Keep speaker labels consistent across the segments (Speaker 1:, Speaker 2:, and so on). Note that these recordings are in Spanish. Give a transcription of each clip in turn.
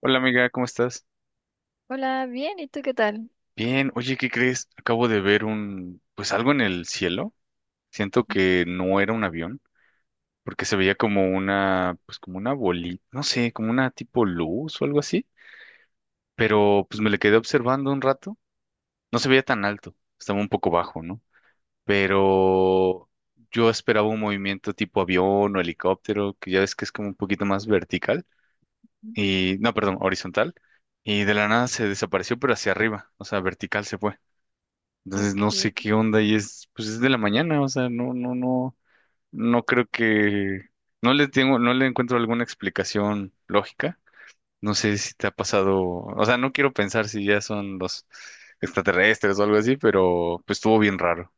Speaker 1: Hola amiga, ¿cómo estás?
Speaker 2: Hola, bien, ¿y tú qué tal?
Speaker 1: Bien, oye, ¿qué crees? Acabo de ver pues algo en el cielo. Siento que no era un avión, porque se veía como pues como una bolita, no sé, como una tipo luz o algo así. Pero pues me le quedé observando un rato. No se veía tan alto, estaba un poco bajo, ¿no? Pero yo esperaba un movimiento tipo avión o helicóptero, que ya ves que es como un poquito más vertical y, no, perdón, horizontal. Y de la nada se desapareció, pero hacia arriba, o sea, vertical se fue. Entonces no sé
Speaker 2: Ok,
Speaker 1: qué onda y pues es de la mañana, o sea, no, no, no, no creo que, no le tengo, no le encuentro alguna explicación lógica. No sé si te ha pasado, o sea, no quiero pensar si ya son los extraterrestres o algo así, pero pues estuvo bien raro.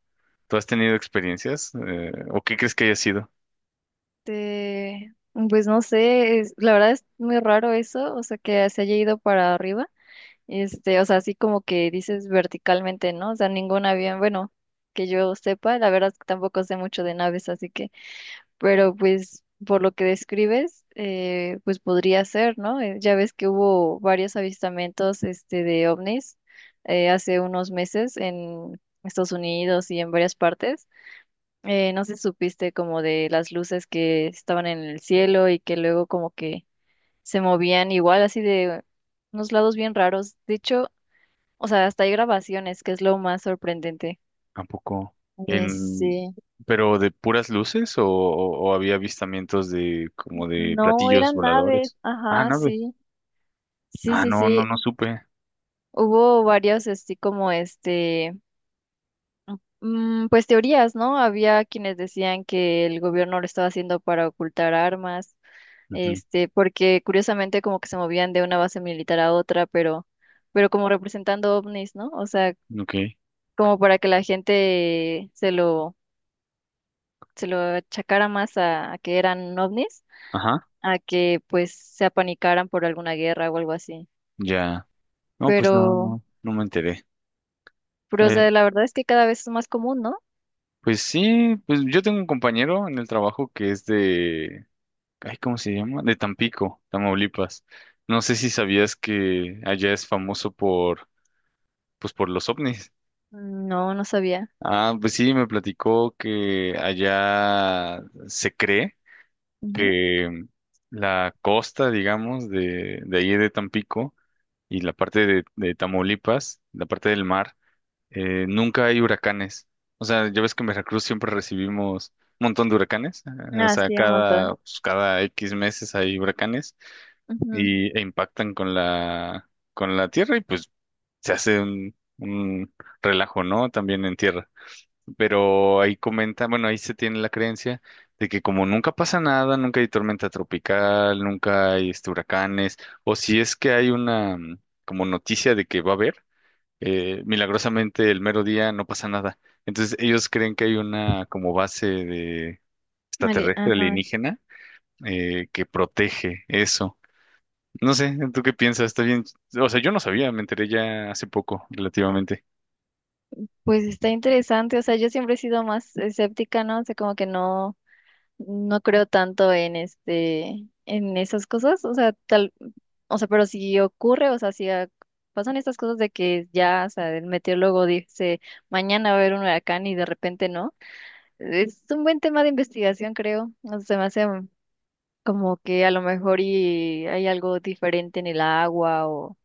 Speaker 1: ¿Tú has tenido experiencias? ¿O qué crees que haya sido?
Speaker 2: te- pues no sé, la verdad es muy raro eso, o sea, que se haya ido para arriba, o sea, así como que dices verticalmente, ¿no? O sea, ningún avión, bueno, que yo sepa, la verdad es que tampoco sé mucho de naves, así que, pero pues por lo que describes, pues podría ser, ¿no? Ya ves que hubo varios avistamientos, de ovnis hace unos meses en Estados Unidos y en varias partes. No sé si supiste como de las luces que estaban en el cielo y que luego como que se movían igual así de unos lados bien raros. De hecho, o sea, hasta hay grabaciones, que es lo más sorprendente.
Speaker 1: Tampoco
Speaker 2: Eh,
Speaker 1: en,
Speaker 2: sí.
Speaker 1: pero ¿de puras luces o había avistamientos de como de
Speaker 2: No,
Speaker 1: platillos
Speaker 2: eran naves.
Speaker 1: voladores? Ah,
Speaker 2: Ajá,
Speaker 1: no, güey.
Speaker 2: sí. Sí,
Speaker 1: Ah,
Speaker 2: sí,
Speaker 1: no, no,
Speaker 2: sí.
Speaker 1: no supe.
Speaker 2: Hubo varios así como pues teorías, ¿no? Había quienes decían que el gobierno lo estaba haciendo para ocultar armas. Porque curiosamente como que se movían de una base militar a otra, pero como representando ovnis, ¿no? O sea,
Speaker 1: Ok,
Speaker 2: como para que la gente se lo achacara más a que eran ovnis,
Speaker 1: ajá,
Speaker 2: a que pues se apanicaran por alguna guerra o algo así.
Speaker 1: ya. No, pues no,
Speaker 2: Pero,
Speaker 1: no, no me enteré.
Speaker 2: pero, o
Speaker 1: Oye,
Speaker 2: sea, la verdad es que cada vez es más común, ¿no?
Speaker 1: pues sí, pues yo tengo un compañero en el trabajo que es ay, ¿cómo se llama? De Tampico, Tamaulipas. No sé si sabías que allá es famoso por, pues por los ovnis.
Speaker 2: No, no sabía.
Speaker 1: Ah, pues sí, me platicó que allá se cree
Speaker 2: Ujú.
Speaker 1: que la costa, digamos, de ahí de Tampico y la parte de Tamaulipas, la parte del mar, nunca hay huracanes. O sea, ya ves que en Veracruz siempre recibimos un montón de huracanes. O
Speaker 2: Ah,
Speaker 1: sea,
Speaker 2: sí, un montón.
Speaker 1: pues, cada X meses hay huracanes
Speaker 2: Ujú.
Speaker 1: e impactan con la tierra y pues se hace un relajo, ¿no? También en tierra. Pero ahí comenta, bueno, ahí se tiene la creencia de que como nunca pasa nada, nunca hay tormenta tropical, nunca hay este, huracanes, o si es que hay una como noticia de que va a haber milagrosamente el mero día no pasa nada. Entonces ellos creen que hay una como base de
Speaker 2: Vale,
Speaker 1: extraterrestre
Speaker 2: ajá.
Speaker 1: alienígena que protege eso. No sé, ¿tú qué piensas? Está bien. O sea, yo no sabía, me enteré ya hace poco, relativamente.
Speaker 2: Pues está interesante, o sea, yo siempre he sido más escéptica, ¿no? O sea, como que no, no creo tanto en en esas cosas, o sea, o sea, pero si ocurre, o sea, si a- pasan estas cosas de que ya, o sea, el meteorólogo dice mañana va a haber un huracán y de repente no, es un buen tema de investigación, creo, o sea, se me hace como que a lo mejor y hay algo diferente en el agua o,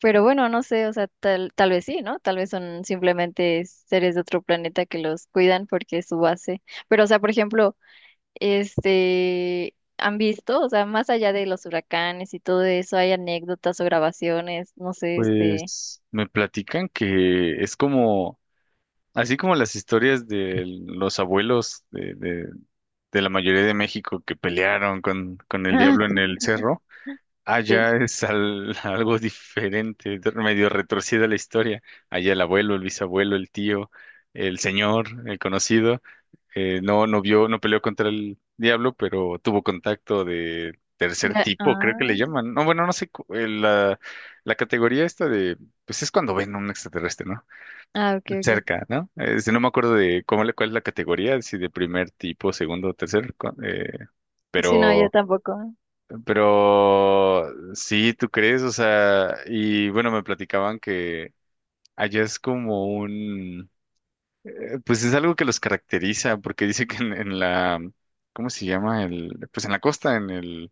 Speaker 2: pero bueno, no sé, o sea, tal vez sí, ¿no? Tal vez son simplemente seres de otro planeta que los cuidan porque es su base, pero o sea, por ejemplo han visto, o sea, más allá de los huracanes y todo eso, hay anécdotas o grabaciones, no sé,
Speaker 1: Pues me platican que es como, así como las historias de los abuelos de la mayoría de México que pelearon con el
Speaker 2: Ah,
Speaker 1: diablo en el cerro.
Speaker 2: sí.
Speaker 1: Allá es algo diferente, medio retorcida la historia. Allá el abuelo, el bisabuelo, el tío, el señor, el conocido, no vio, no peleó contra el diablo, pero tuvo contacto de tercer
Speaker 2: Ya.
Speaker 1: tipo, creo que le
Speaker 2: Ah,
Speaker 1: llaman. No, bueno, no sé, la, la categoría esta de, pues es cuando ven a un extraterrestre, ¿no?
Speaker 2: ah, ok, ok.
Speaker 1: Cerca, ¿no? Este, no me acuerdo de cuál es la categoría, si de primer tipo, segundo, tercer,
Speaker 2: Sí. No, yo
Speaker 1: pero
Speaker 2: tampoco.
Speaker 1: pero sí, ¿tú crees? O sea, y bueno, me platicaban que allá es como pues es algo que los caracteriza, porque dice que en la, ¿cómo se llama? El, pues en la costa,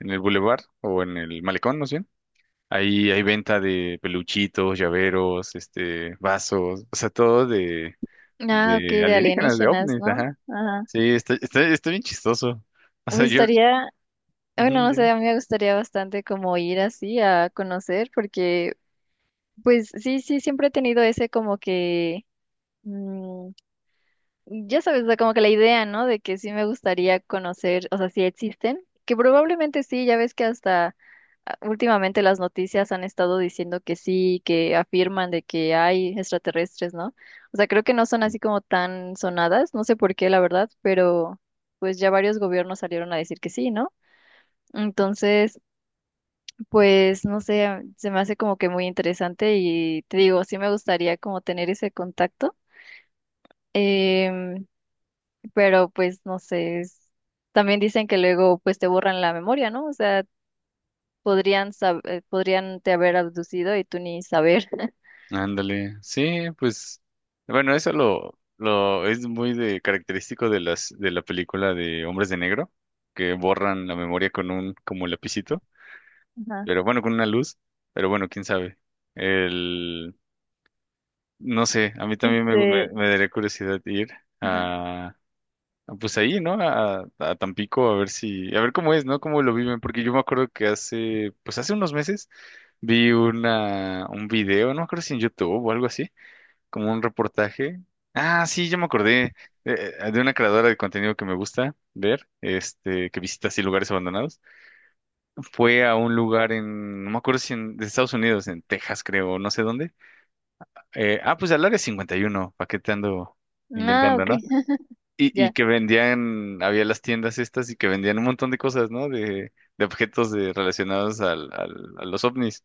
Speaker 1: en el bulevar o en el malecón, ¿no sé? Ahí hay venta de peluchitos, llaveros, este, vasos, o sea, todo
Speaker 2: Ah, ok,
Speaker 1: de
Speaker 2: de
Speaker 1: alienígenas, de
Speaker 2: alienígenas,
Speaker 1: ovnis,
Speaker 2: ¿no?
Speaker 1: ajá.
Speaker 2: Ajá,
Speaker 1: Sí, está, está, está bien chistoso. O sea,
Speaker 2: pues
Speaker 1: yo,
Speaker 2: estaría, bueno,
Speaker 1: ujú,
Speaker 2: no sé,
Speaker 1: dime.
Speaker 2: a mí me gustaría bastante como ir así a conocer, porque, pues, sí, sí, siempre he tenido ese como que... mm, Ya sabes, o sea, como que la idea, ¿no? De que sí me gustaría conocer, o sea, si existen, que probablemente sí, ya ves que hasta ah, últimamente las noticias han estado diciendo que sí, que afirman de que hay extraterrestres, ¿no? O sea, creo que no son así como tan sonadas, no sé por qué, la verdad, pero pues ya varios gobiernos salieron a decir que sí, ¿no? Entonces, pues no sé, se me hace como que muy interesante y te digo, sí me gustaría como tener ese contacto. em, pero pues no sé, también dicen que luego pues te borran la memoria, ¿no? O sea, podrían te haber abducido y tú ni saber.
Speaker 1: Ándale, sí, pues, bueno, eso lo es muy de característico de las de la película de Hombres de Negro, que borran la memoria con un como lapicito,
Speaker 2: Ajá.
Speaker 1: pero bueno, con una luz, pero bueno, quién sabe. El, no sé, a mí también
Speaker 2: Este,
Speaker 1: me daría curiosidad ir
Speaker 2: ajá.
Speaker 1: a, a, pues ahí, ¿no? A Tampico a ver si, a ver cómo es, ¿no? Cómo lo viven, porque yo me acuerdo pues hace unos meses vi una un video, no me acuerdo si en YouTube o algo así como un reportaje. Ah, sí, yo me acordé de una creadora de contenido que me gusta ver, este, que visita así lugares abandonados. Fue a un lugar no me acuerdo si en de Estados Unidos, en Texas, creo, no sé dónde. Pues al área 51, ¿para qué te ando
Speaker 2: Ah,
Speaker 1: inventando,
Speaker 2: ok,
Speaker 1: no? Y
Speaker 2: ya.
Speaker 1: que vendían, había las tiendas estas y que vendían un montón de cosas, ¿no? De objetos de, relacionados a los ovnis.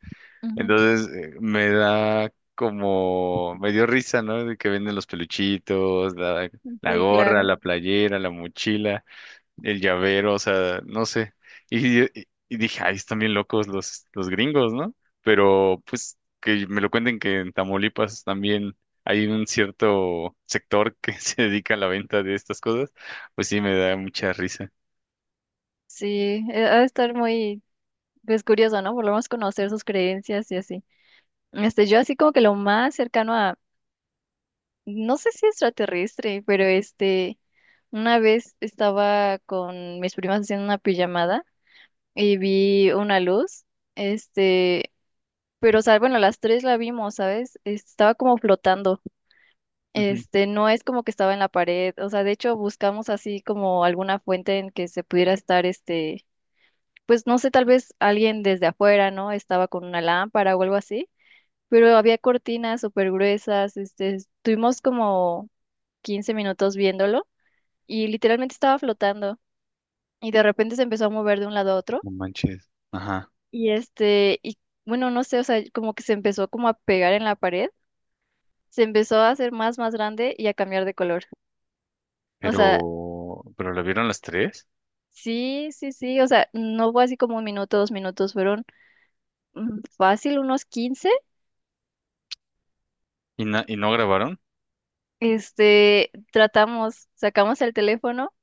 Speaker 1: Entonces me dio risa, ¿no? De que venden los peluchitos, la,
Speaker 2: Ujú.
Speaker 1: la
Speaker 2: Sí,
Speaker 1: gorra,
Speaker 2: claro.
Speaker 1: la playera, la mochila, el llavero, o sea, no sé. Y, y- y dije, ay, están bien locos los gringos, ¿no? Pero pues que me lo cuenten que en Tamaulipas también hay un cierto sector que se dedica a la venta de estas cosas, pues sí me da mucha risa.
Speaker 2: Sí, ha de estar muy pues curioso, ¿no? Por lo menos conocer sus creencias y así. Yo así como que lo más cercano a no sé si extraterrestre, pero una vez estaba con mis primas haciendo una pijamada y vi una luz, este, pero, o sea, bueno, las tres la vimos, ¿sabes? Estaba como flotando,
Speaker 1: Ujú.
Speaker 2: no es como que estaba en la pared, o sea, de hecho buscamos así como alguna fuente en que se pudiera estar, pues no sé, tal vez alguien desde afuera, ¿no? Estaba con una lámpara o algo así, pero había cortinas súper gruesas, estuvimos como 15 minutos viéndolo y literalmente estaba flotando y de repente se empezó a mover de un lado a otro.
Speaker 1: No manches. Ajá.
Speaker 2: Y bueno, no sé, o sea, como que se empezó como a pegar en la pared, se empezó a hacer más, más grande y a cambiar de color. O sea,
Speaker 1: Pero la vieron las tres
Speaker 2: sí, sí, sí, o sea, no fue así como 1 minuto, 2 minutos, fueron fácil unos 15.
Speaker 1: y no grabaron.
Speaker 2: Tratamos, sacamos el teléfono,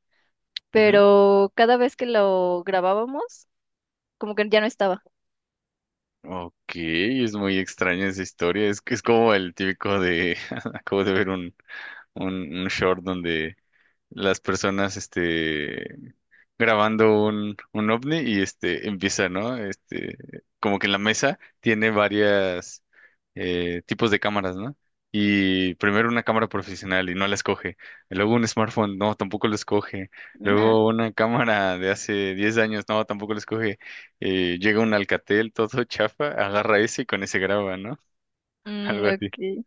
Speaker 1: Ujú.
Speaker 2: pero cada vez que lo grabábamos, como que ya no estaba.
Speaker 1: Ok, es muy extraña esa historia. Es que es como el típico de. Acabo de ver un short donde las personas este grabando un ovni y este empieza, ¿no? Este, como que en la mesa tiene varias tipos de cámaras, ¿no? Y primero una cámara profesional y no la escoge. Luego un smartphone, no, tampoco lo escoge.
Speaker 2: Ajá.
Speaker 1: Luego una cámara de hace 10 años, no, tampoco lo escoge. Llega un Alcatel todo chafa, agarra ese y con ese graba, ¿no?
Speaker 2: Mm,
Speaker 1: Algo así.
Speaker 2: ok.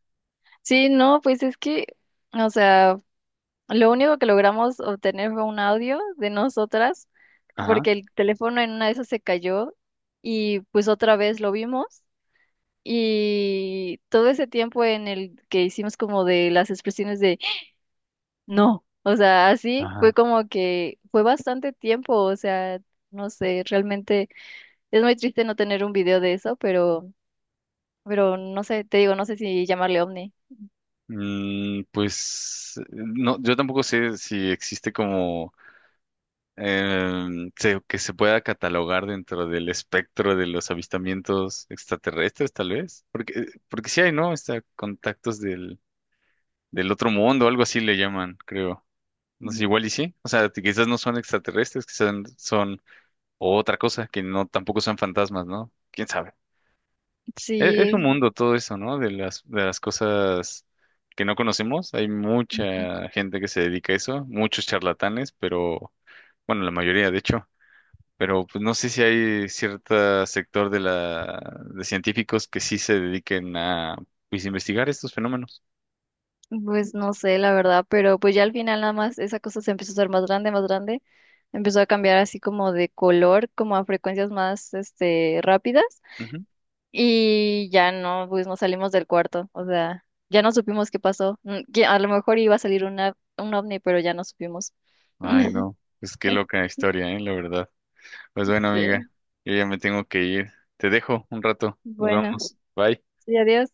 Speaker 2: Sí, no, pues es que, o sea. Lo único que logramos obtener fue un audio de nosotras,
Speaker 1: Ajá,
Speaker 2: porque el teléfono en una de esas se cayó y pues otra vez lo vimos. Y todo ese tiempo en el que hicimos como de las expresiones de no, o sea, así
Speaker 1: ajá.
Speaker 2: fue como que fue bastante tiempo, o sea, no sé, realmente es muy triste no tener un video de eso, pero, no sé, te digo, no sé si llamarle ovni.
Speaker 1: No, yo tampoco sé si existe como que se pueda catalogar dentro del espectro de los avistamientos extraterrestres, tal vez, porque porque sí hay, ¿no? Está contactos del otro mundo, algo así le llaman, creo. No sé, igual y sí. O sea, quizás no son extraterrestres, quizás son otra cosa que no tampoco son fantasmas, ¿no? ¿Quién sabe? Es
Speaker 2: Sí.
Speaker 1: un mundo todo eso, ¿no? De de las cosas que no conocemos. Hay mucha gente que se dedica a eso, muchos charlatanes, pero bueno, la mayoría, de hecho. Pero pues, no sé si hay cierto sector de de científicos que sí se dediquen a pues, investigar estos fenómenos.
Speaker 2: Pues no sé, la verdad, pero pues ya al final nada más esa cosa se empezó a hacer más grande, empezó a cambiar así como de color, como a frecuencias más, rápidas
Speaker 1: Ujú.
Speaker 2: y ya no, pues nos salimos del cuarto, o sea, ya no supimos qué pasó, que a lo mejor iba a salir un ovni, pero ya no supimos.
Speaker 1: Ay, no. Pues qué loca historia, ¿eh? La verdad. Pues bueno, amiga,
Speaker 2: Sí,
Speaker 1: yo ya me tengo que ir. Te dejo un rato. Nos
Speaker 2: bueno,
Speaker 1: vamos. Bye.
Speaker 2: sí, adiós.